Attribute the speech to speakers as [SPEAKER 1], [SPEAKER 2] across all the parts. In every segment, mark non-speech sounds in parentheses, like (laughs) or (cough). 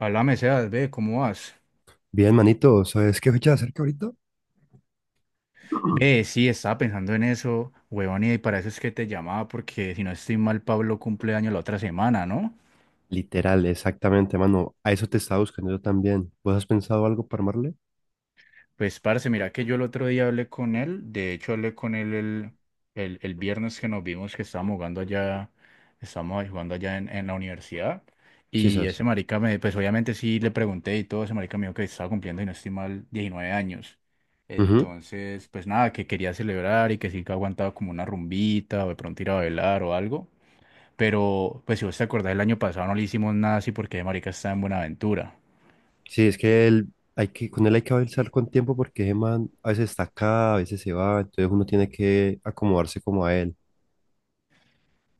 [SPEAKER 1] Háblame, Sebas, ve, ¿cómo vas?
[SPEAKER 2] Bien, manito, ¿sabes qué fecha de acerca ahorita?
[SPEAKER 1] Ve, sí, estaba pensando en eso, huevón, y para eso es que te llamaba, porque si no estoy mal, Pablo cumple año la otra semana, ¿no?
[SPEAKER 2] Literal, exactamente, mano. A eso te estaba buscando yo también. ¿Vos has pensado algo para armarle?
[SPEAKER 1] Pues, parce, mira que yo el otro día hablé con él. De hecho, hablé con él el viernes que nos vimos, que estábamos jugando allá, estábamos ahí jugando allá en la universidad,
[SPEAKER 2] Sí,
[SPEAKER 1] y ese
[SPEAKER 2] sabes.
[SPEAKER 1] marica me, pues obviamente sí le pregunté y todo, ese marica me dijo que estaba cumpliendo, y no estoy mal, 19 años.
[SPEAKER 2] Ujú.
[SPEAKER 1] Entonces, pues nada, que quería celebrar y que sí, que aguantaba como una rumbita o de pronto ir a bailar o algo, pero pues si vos te acordás, el año pasado no le hicimos nada así porque ese marica está en Buenaventura.
[SPEAKER 2] Sí, es que él, con él hay que avanzar con tiempo porque ese man a veces está acá, a veces se va, entonces uno tiene que acomodarse como a él.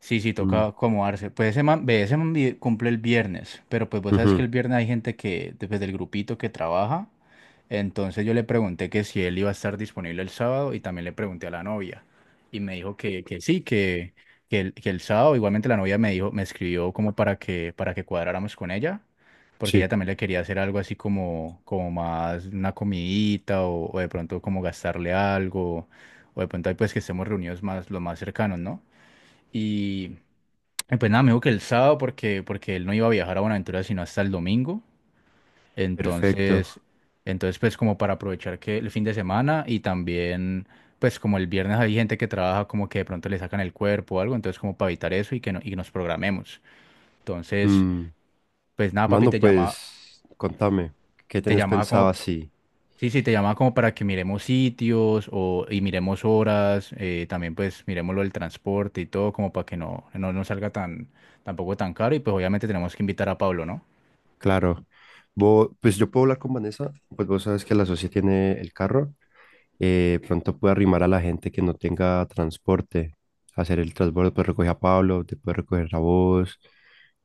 [SPEAKER 1] Sí, sí, toca
[SPEAKER 2] Mm,
[SPEAKER 1] acomodarse. Pues ese man, ve, ese man cumple el viernes, pero pues vos sabes que el
[SPEAKER 2] ujú,
[SPEAKER 1] viernes hay gente que, desde el grupito, que trabaja, entonces yo le pregunté que si él iba a estar disponible el sábado y también le pregunté a la novia, y me dijo que, que sí, que el sábado. Igualmente, la novia me dijo, me escribió como para que cuadráramos con ella, porque ella
[SPEAKER 2] sí,
[SPEAKER 1] también le quería hacer algo así como más una comidita, o de pronto como gastarle algo, o de pronto ahí, pues, que estemos reunidos más, los más cercanos, ¿no? Y pues nada, me dijo que el sábado porque él no iba a viajar a Buenaventura sino hasta el domingo.
[SPEAKER 2] perfecto.
[SPEAKER 1] Entonces, entonces, pues, como para aprovechar que el fin de semana, y también pues como el viernes hay gente que trabaja, como que de pronto le sacan el cuerpo o algo, entonces como para evitar eso y que no, y nos programemos. Entonces,
[SPEAKER 2] Mm.
[SPEAKER 1] pues nada, papi,
[SPEAKER 2] Mano,
[SPEAKER 1] te llama,
[SPEAKER 2] pues, contame, ¿qué
[SPEAKER 1] te
[SPEAKER 2] tenés
[SPEAKER 1] llamaba
[SPEAKER 2] pensado
[SPEAKER 1] como,
[SPEAKER 2] así?
[SPEAKER 1] sí, sí, te llamaba como para que miremos sitios, o, y miremos horas, también pues miremos lo del transporte y todo, como para que no, nos salga tan, tampoco tan caro, y pues obviamente tenemos que invitar a Pablo, ¿no?
[SPEAKER 2] Claro. Vos, pues yo puedo hablar con Vanessa, pues vos sabes que la socia tiene el carro. Pronto puede arrimar a la gente que no tenga transporte, hacer el transbordo, pues recoger a Pablo, te puede recoger a vos.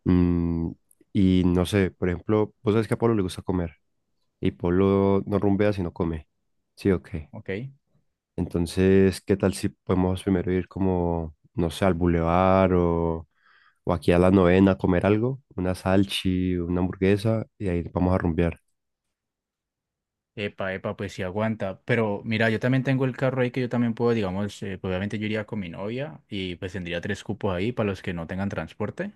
[SPEAKER 2] mm, y no sé, por ejemplo, vos sabes que a Pablo le gusta comer y Pablo no rumbea si no come. Sí, ok.
[SPEAKER 1] Ok.
[SPEAKER 2] Entonces, ¿qué tal si podemos primero ir como, no sé, al bulevar o aquí a la novena a comer algo? Una salchi, una hamburguesa y ahí vamos a rumbear.
[SPEAKER 1] Epa, epa, pues sí aguanta. Pero mira, yo también tengo el carro ahí, que yo también puedo, digamos, pues obviamente yo iría con mi novia y pues tendría tres cupos ahí para los que no tengan transporte.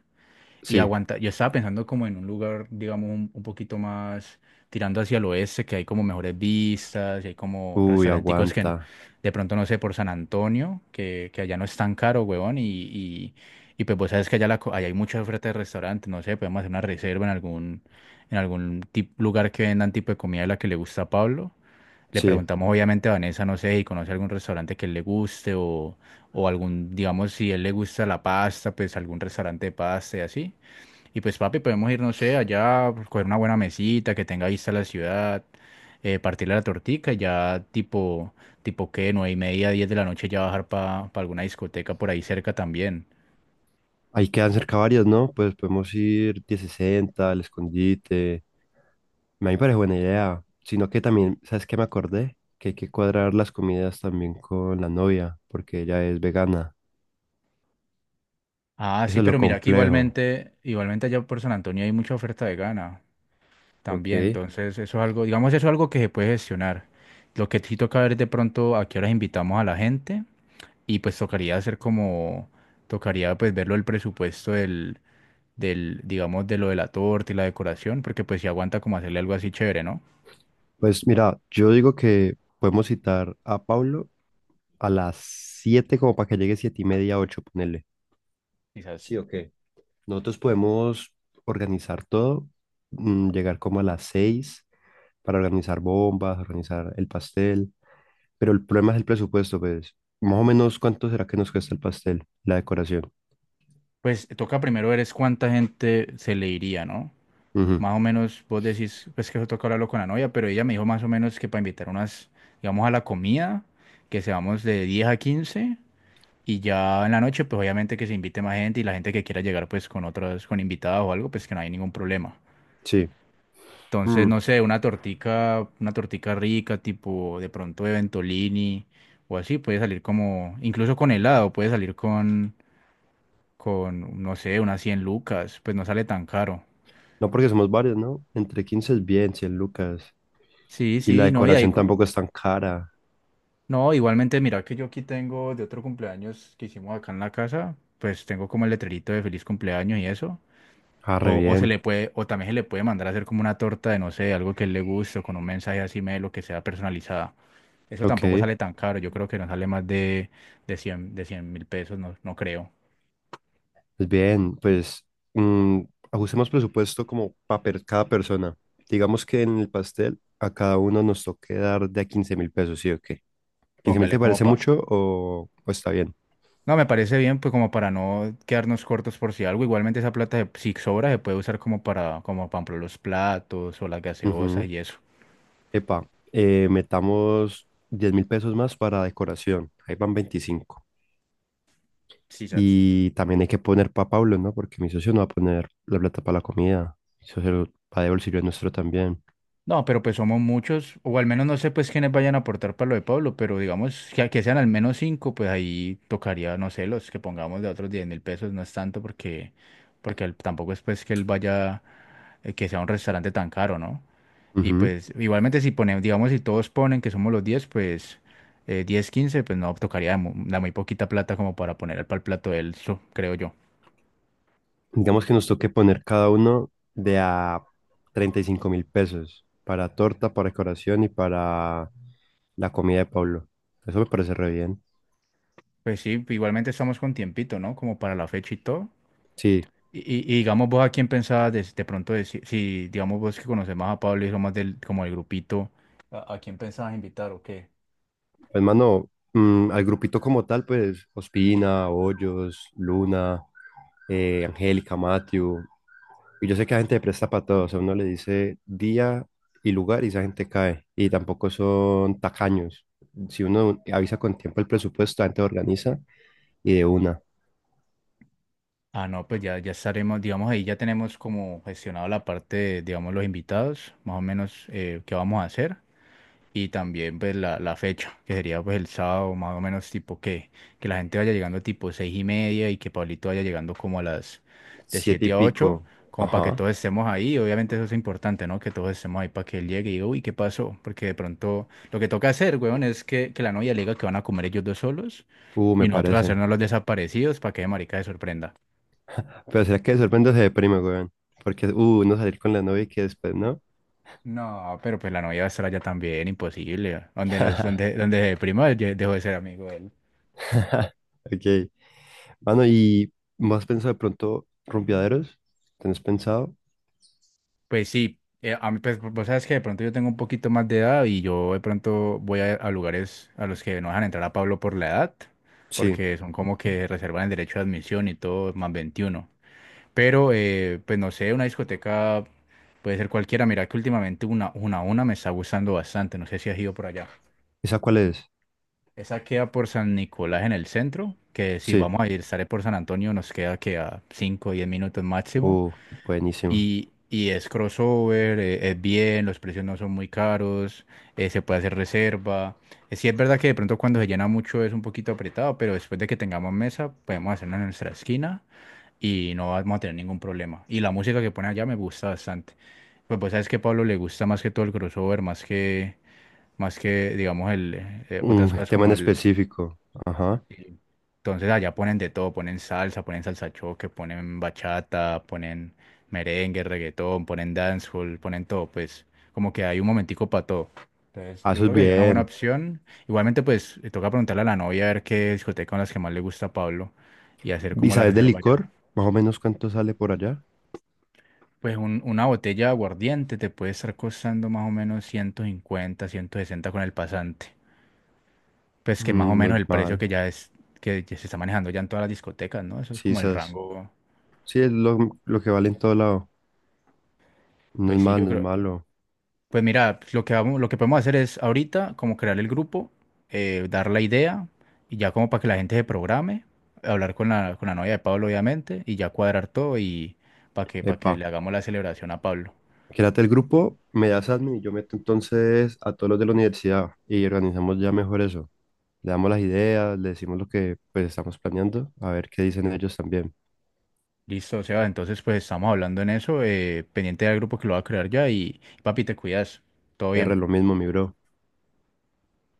[SPEAKER 1] Y
[SPEAKER 2] Sí,
[SPEAKER 1] aguanta. Yo estaba pensando como en un lugar, digamos, un poquito más tirando hacia el oeste, que hay como mejores vistas, y hay como
[SPEAKER 2] uy,
[SPEAKER 1] restauranticos que
[SPEAKER 2] aguanta.
[SPEAKER 1] no, de pronto, no sé, por San Antonio, que allá no es tan caro, huevón, y pues vos sabes que allá, allá hay mucha oferta de restaurantes, no sé, podemos hacer una reserva en algún lugar que vendan tipo de comida de la que le gusta a Pablo. Le
[SPEAKER 2] Sí,
[SPEAKER 1] preguntamos obviamente a Vanessa, no sé si conoce algún restaurante que le guste, o algún, digamos, si él le gusta la pasta, pues algún restaurante de pasta y así. Y pues, papi, podemos ir, no sé, allá, pues, coger una buena mesita que tenga vista a la ciudad, partirle la tortica, y ya tipo qué, 9:30, diez de la noche, ya bajar para alguna discoteca por ahí cerca también.
[SPEAKER 2] ahí quedan cerca varias, ¿no? Pues podemos ir 1060, el escondite. A mí me parece buena idea. Sino que también, ¿sabes qué me acordé? Que hay que cuadrar las comidas también con la novia, porque ella es vegana.
[SPEAKER 1] Ah, sí,
[SPEAKER 2] Eso es lo
[SPEAKER 1] pero mira que
[SPEAKER 2] complejo.
[SPEAKER 1] igualmente allá por San Antonio hay mucha oferta vegana
[SPEAKER 2] Ok.
[SPEAKER 1] también, entonces eso es algo, digamos, eso es algo que se puede gestionar. Lo que sí toca ver es de pronto a qué horas invitamos a la gente, y pues tocaría hacer como, tocaría, pues, verlo, el presupuesto del, digamos, de lo de la torta y la decoración, porque pues si aguanta como hacerle algo así chévere, ¿no?
[SPEAKER 2] Pues mira, yo digo que podemos citar a Pablo a las 7 como para que llegue 7:30, 8 ponele.
[SPEAKER 1] Quizás.
[SPEAKER 2] Sí, ok. Nosotros podemos organizar todo, llegar como a las 6 para organizar bombas, organizar el pastel, pero el problema es el presupuesto, pues. Más o menos, ¿cuánto será que nos cuesta el pastel, la decoración?
[SPEAKER 1] Pues toca primero ver es cuánta gente se le iría, ¿no?
[SPEAKER 2] Ujú,
[SPEAKER 1] Más o menos, vos decís, pues, que eso toca hablarlo con la novia, pero ella me dijo más o menos que para invitar unas, digamos, a la comida, que seamos de 10 a 15, y ya en la noche, pues obviamente, que se invite más gente y la gente que quiera llegar pues con otras, con invitados o algo, pues que no hay ningún problema.
[SPEAKER 2] sí.
[SPEAKER 1] Entonces,
[SPEAKER 2] Mm.
[SPEAKER 1] no sé, una tortica rica, tipo de pronto de Ventolini o así, puede salir como, incluso con helado, puede salir con, no sé, unas 100 lucas, pues no sale tan caro.
[SPEAKER 2] No, porque somos varios, ¿no? Entre 15 es bien, 100 lucas.
[SPEAKER 1] Sí,
[SPEAKER 2] Y la
[SPEAKER 1] sí, no, y ahí,
[SPEAKER 2] decoración tampoco es tan cara.
[SPEAKER 1] no, igualmente, mira que yo aquí tengo de otro cumpleaños que hicimos acá en la casa, pues tengo como el letrerito de feliz cumpleaños y eso.
[SPEAKER 2] Ah, re
[SPEAKER 1] O se
[SPEAKER 2] bien.
[SPEAKER 1] le puede, o también se le puede mandar a hacer como una torta de, no sé, algo que a él le guste, o con un mensaje así medio, lo que sea, personalizada. Eso tampoco
[SPEAKER 2] Ok.
[SPEAKER 1] sale tan caro. Yo creo que no sale más de 100.000 pesos, no, no creo.
[SPEAKER 2] Pues bien, pues, mm, ajustemos presupuesto como para cada persona. Digamos que en el pastel a cada uno nos toque dar de a 15 mil pesos, ¿sí o qué? ¿15 mil
[SPEAKER 1] Póngale
[SPEAKER 2] te
[SPEAKER 1] como
[SPEAKER 2] parece
[SPEAKER 1] pa...
[SPEAKER 2] mucho o está bien?
[SPEAKER 1] No, me parece bien, pues como para no quedarnos cortos por si algo. Igualmente, esa plata, se- si sobra, se puede usar como para, como para ejemplo, los platos o las gaseosas
[SPEAKER 2] Ujú.
[SPEAKER 1] y eso.
[SPEAKER 2] Epa, metamos 10 mil pesos más para decoración. Ahí van 25.
[SPEAKER 1] Sí, sale.
[SPEAKER 2] Y también hay que poner para Pablo, ¿no? Porque mi socio no va a poner la plata para la comida. Eso se lo va de bolsillo el nuestro también.
[SPEAKER 1] No, pero pues somos muchos, o al menos no sé pues quiénes vayan a aportar para lo de Pablo, pero digamos que sean al menos cinco, pues ahí tocaría, no sé, los que pongamos de otros 10.000 pesos, no es tanto porque, porque él- tampoco es pues que él vaya, que sea un restaurante tan caro, ¿no? Y
[SPEAKER 2] Ujú.
[SPEAKER 1] pues igualmente si ponemos, digamos, si todos ponen que somos los 10 pues 10, 15, pues no, tocaría la muy poquita plata como para poner para el plato de él, creo yo.
[SPEAKER 2] Digamos que nos toque poner cada uno de a 35 mil pesos para torta, para decoración y para la comida de Pablo. Eso me parece re bien.
[SPEAKER 1] Pues sí, igualmente estamos con tiempito, ¿no? Como para la fecha y todo.
[SPEAKER 2] Sí,
[SPEAKER 1] Y, y digamos vos a quién pensabas de pronto, de si, si, digamos vos, que conoces más a Pablo y son más del, como el grupito, a quién pensabas invitar o qué?
[SPEAKER 2] hermano, al grupito como tal, pues Ospina, Hoyos, Luna, Angélica, Matthew. Y yo sé que la gente presta para todo. O sea, uno le dice día y lugar y esa gente cae. Y tampoco son tacaños. Si uno avisa con tiempo el presupuesto, la gente lo organiza y de una.
[SPEAKER 1] Ah, no, pues ya, ya estaremos, digamos, ahí ya tenemos como gestionado la parte de, digamos, los invitados, más o menos, qué vamos a hacer. Y también pues la fecha, que sería pues el sábado, más o menos tipo que la gente vaya llegando tipo 6:30, y que Pablito vaya llegando como a las de
[SPEAKER 2] Siete y
[SPEAKER 1] siete a ocho,
[SPEAKER 2] pico.
[SPEAKER 1] como para que
[SPEAKER 2] Ajá.
[SPEAKER 1] todos estemos ahí. Obviamente, eso es importante, ¿no? Que todos estemos ahí para que él llegue y diga, uy, ¿qué pasó? Porque de pronto lo que toca hacer, weón, es que la novia le diga que van a comer ellos dos solos,
[SPEAKER 2] Me
[SPEAKER 1] y nosotros
[SPEAKER 2] parece.
[SPEAKER 1] hacernos los desaparecidos, para que de marica se sorprenda.
[SPEAKER 2] Pero será que de repente se deprime, weón. Porque, no salir con la novia y que después, ¿no?
[SPEAKER 1] No, pero pues la novia va a estar allá también, imposible. Donde, nos, donde,
[SPEAKER 2] (laughs)
[SPEAKER 1] donde se dejó de ser amigo él.
[SPEAKER 2] Ok. Mano, ¿y más pensado de pronto rumbeaderos? ¿Tenés pensado?
[SPEAKER 1] Pues sí, a mí, pues, vos sabes que de pronto yo tengo un poquito más de edad, y yo de pronto voy a lugares a los que no dejan entrar a Pablo por la edad,
[SPEAKER 2] Sí.
[SPEAKER 1] porque son como que reservan el derecho de admisión y todo, más 21. Pero, pues no sé, una discoteca puede ser cualquiera. Mira que últimamente una me está gustando bastante, no sé si has ido por allá.
[SPEAKER 2] ¿Esa cuál es?
[SPEAKER 1] Esa queda por San Nicolás, en el centro, que si
[SPEAKER 2] Sí.
[SPEAKER 1] vamos a ir, sale por San Antonio, nos queda que a 5 o 10 minutos máximo.
[SPEAKER 2] Uh, Buenísimo.
[SPEAKER 1] Y es crossover, es bien, los precios no son muy caros, se puede hacer reserva. Sí es verdad que de pronto cuando se llena mucho es un poquito apretado, pero después de que tengamos mesa podemos hacerlo en nuestra esquina y no vamos a tener ningún problema. Y la música que pone allá me gusta bastante. Pues sabes que a Pablo le gusta más que todo el crossover, más que, más que, digamos, el,
[SPEAKER 2] Un
[SPEAKER 1] otras cosas
[SPEAKER 2] tema
[SPEAKER 1] como
[SPEAKER 2] en
[SPEAKER 1] el,
[SPEAKER 2] específico. Ajá.
[SPEAKER 1] entonces allá ponen de todo, ponen salsa choque, ponen bachata, ponen merengue, reggaetón, ponen dancehall, ponen todo, pues como que hay un momentico para todo. Entonces
[SPEAKER 2] Ah,
[SPEAKER 1] yo
[SPEAKER 2] eso es
[SPEAKER 1] creo que sería una buena
[SPEAKER 2] bien.
[SPEAKER 1] opción. Igualmente, pues le toca preguntarle a la novia a ver qué discoteca, con las que más le gusta a Pablo, y hacer
[SPEAKER 2] ¿Y
[SPEAKER 1] como la
[SPEAKER 2] sabes del
[SPEAKER 1] reserva ya.
[SPEAKER 2] licor? Más o menos, ¿cuánto sale por allá?
[SPEAKER 1] Pues una botella de aguardiente te puede estar costando más o menos 150, 160 con el pasante. Pues que más o
[SPEAKER 2] Mm, no
[SPEAKER 1] menos
[SPEAKER 2] es
[SPEAKER 1] el precio
[SPEAKER 2] mal.
[SPEAKER 1] que ya es, que ya se está manejando ya en todas las discotecas, ¿no? Eso es
[SPEAKER 2] Sí,
[SPEAKER 1] como el
[SPEAKER 2] esas.
[SPEAKER 1] rango.
[SPEAKER 2] Sí, es lo que vale en todo lado. No es
[SPEAKER 1] Pues sí,
[SPEAKER 2] mal,
[SPEAKER 1] yo
[SPEAKER 2] no es
[SPEAKER 1] creo.
[SPEAKER 2] malo.
[SPEAKER 1] Pues mira, pues lo que podemos hacer es ahorita como crear el grupo, dar la idea y ya como para que la gente se programe, hablar con la novia de Pablo, obviamente, y ya cuadrar todo y para que
[SPEAKER 2] Epa,
[SPEAKER 1] le hagamos la celebración a Pablo.
[SPEAKER 2] quédate el grupo, me das admin y yo meto entonces a todos los de la universidad y organizamos ya mejor eso. Le damos las ideas, le decimos lo que pues estamos planeando, a ver qué dicen ellos también.
[SPEAKER 1] Listo, o sea, entonces pues estamos hablando en eso, pendiente del grupo que lo va a crear ya, y papi, te cuidas, todo
[SPEAKER 2] R,
[SPEAKER 1] bien.
[SPEAKER 2] lo mismo, mi bro.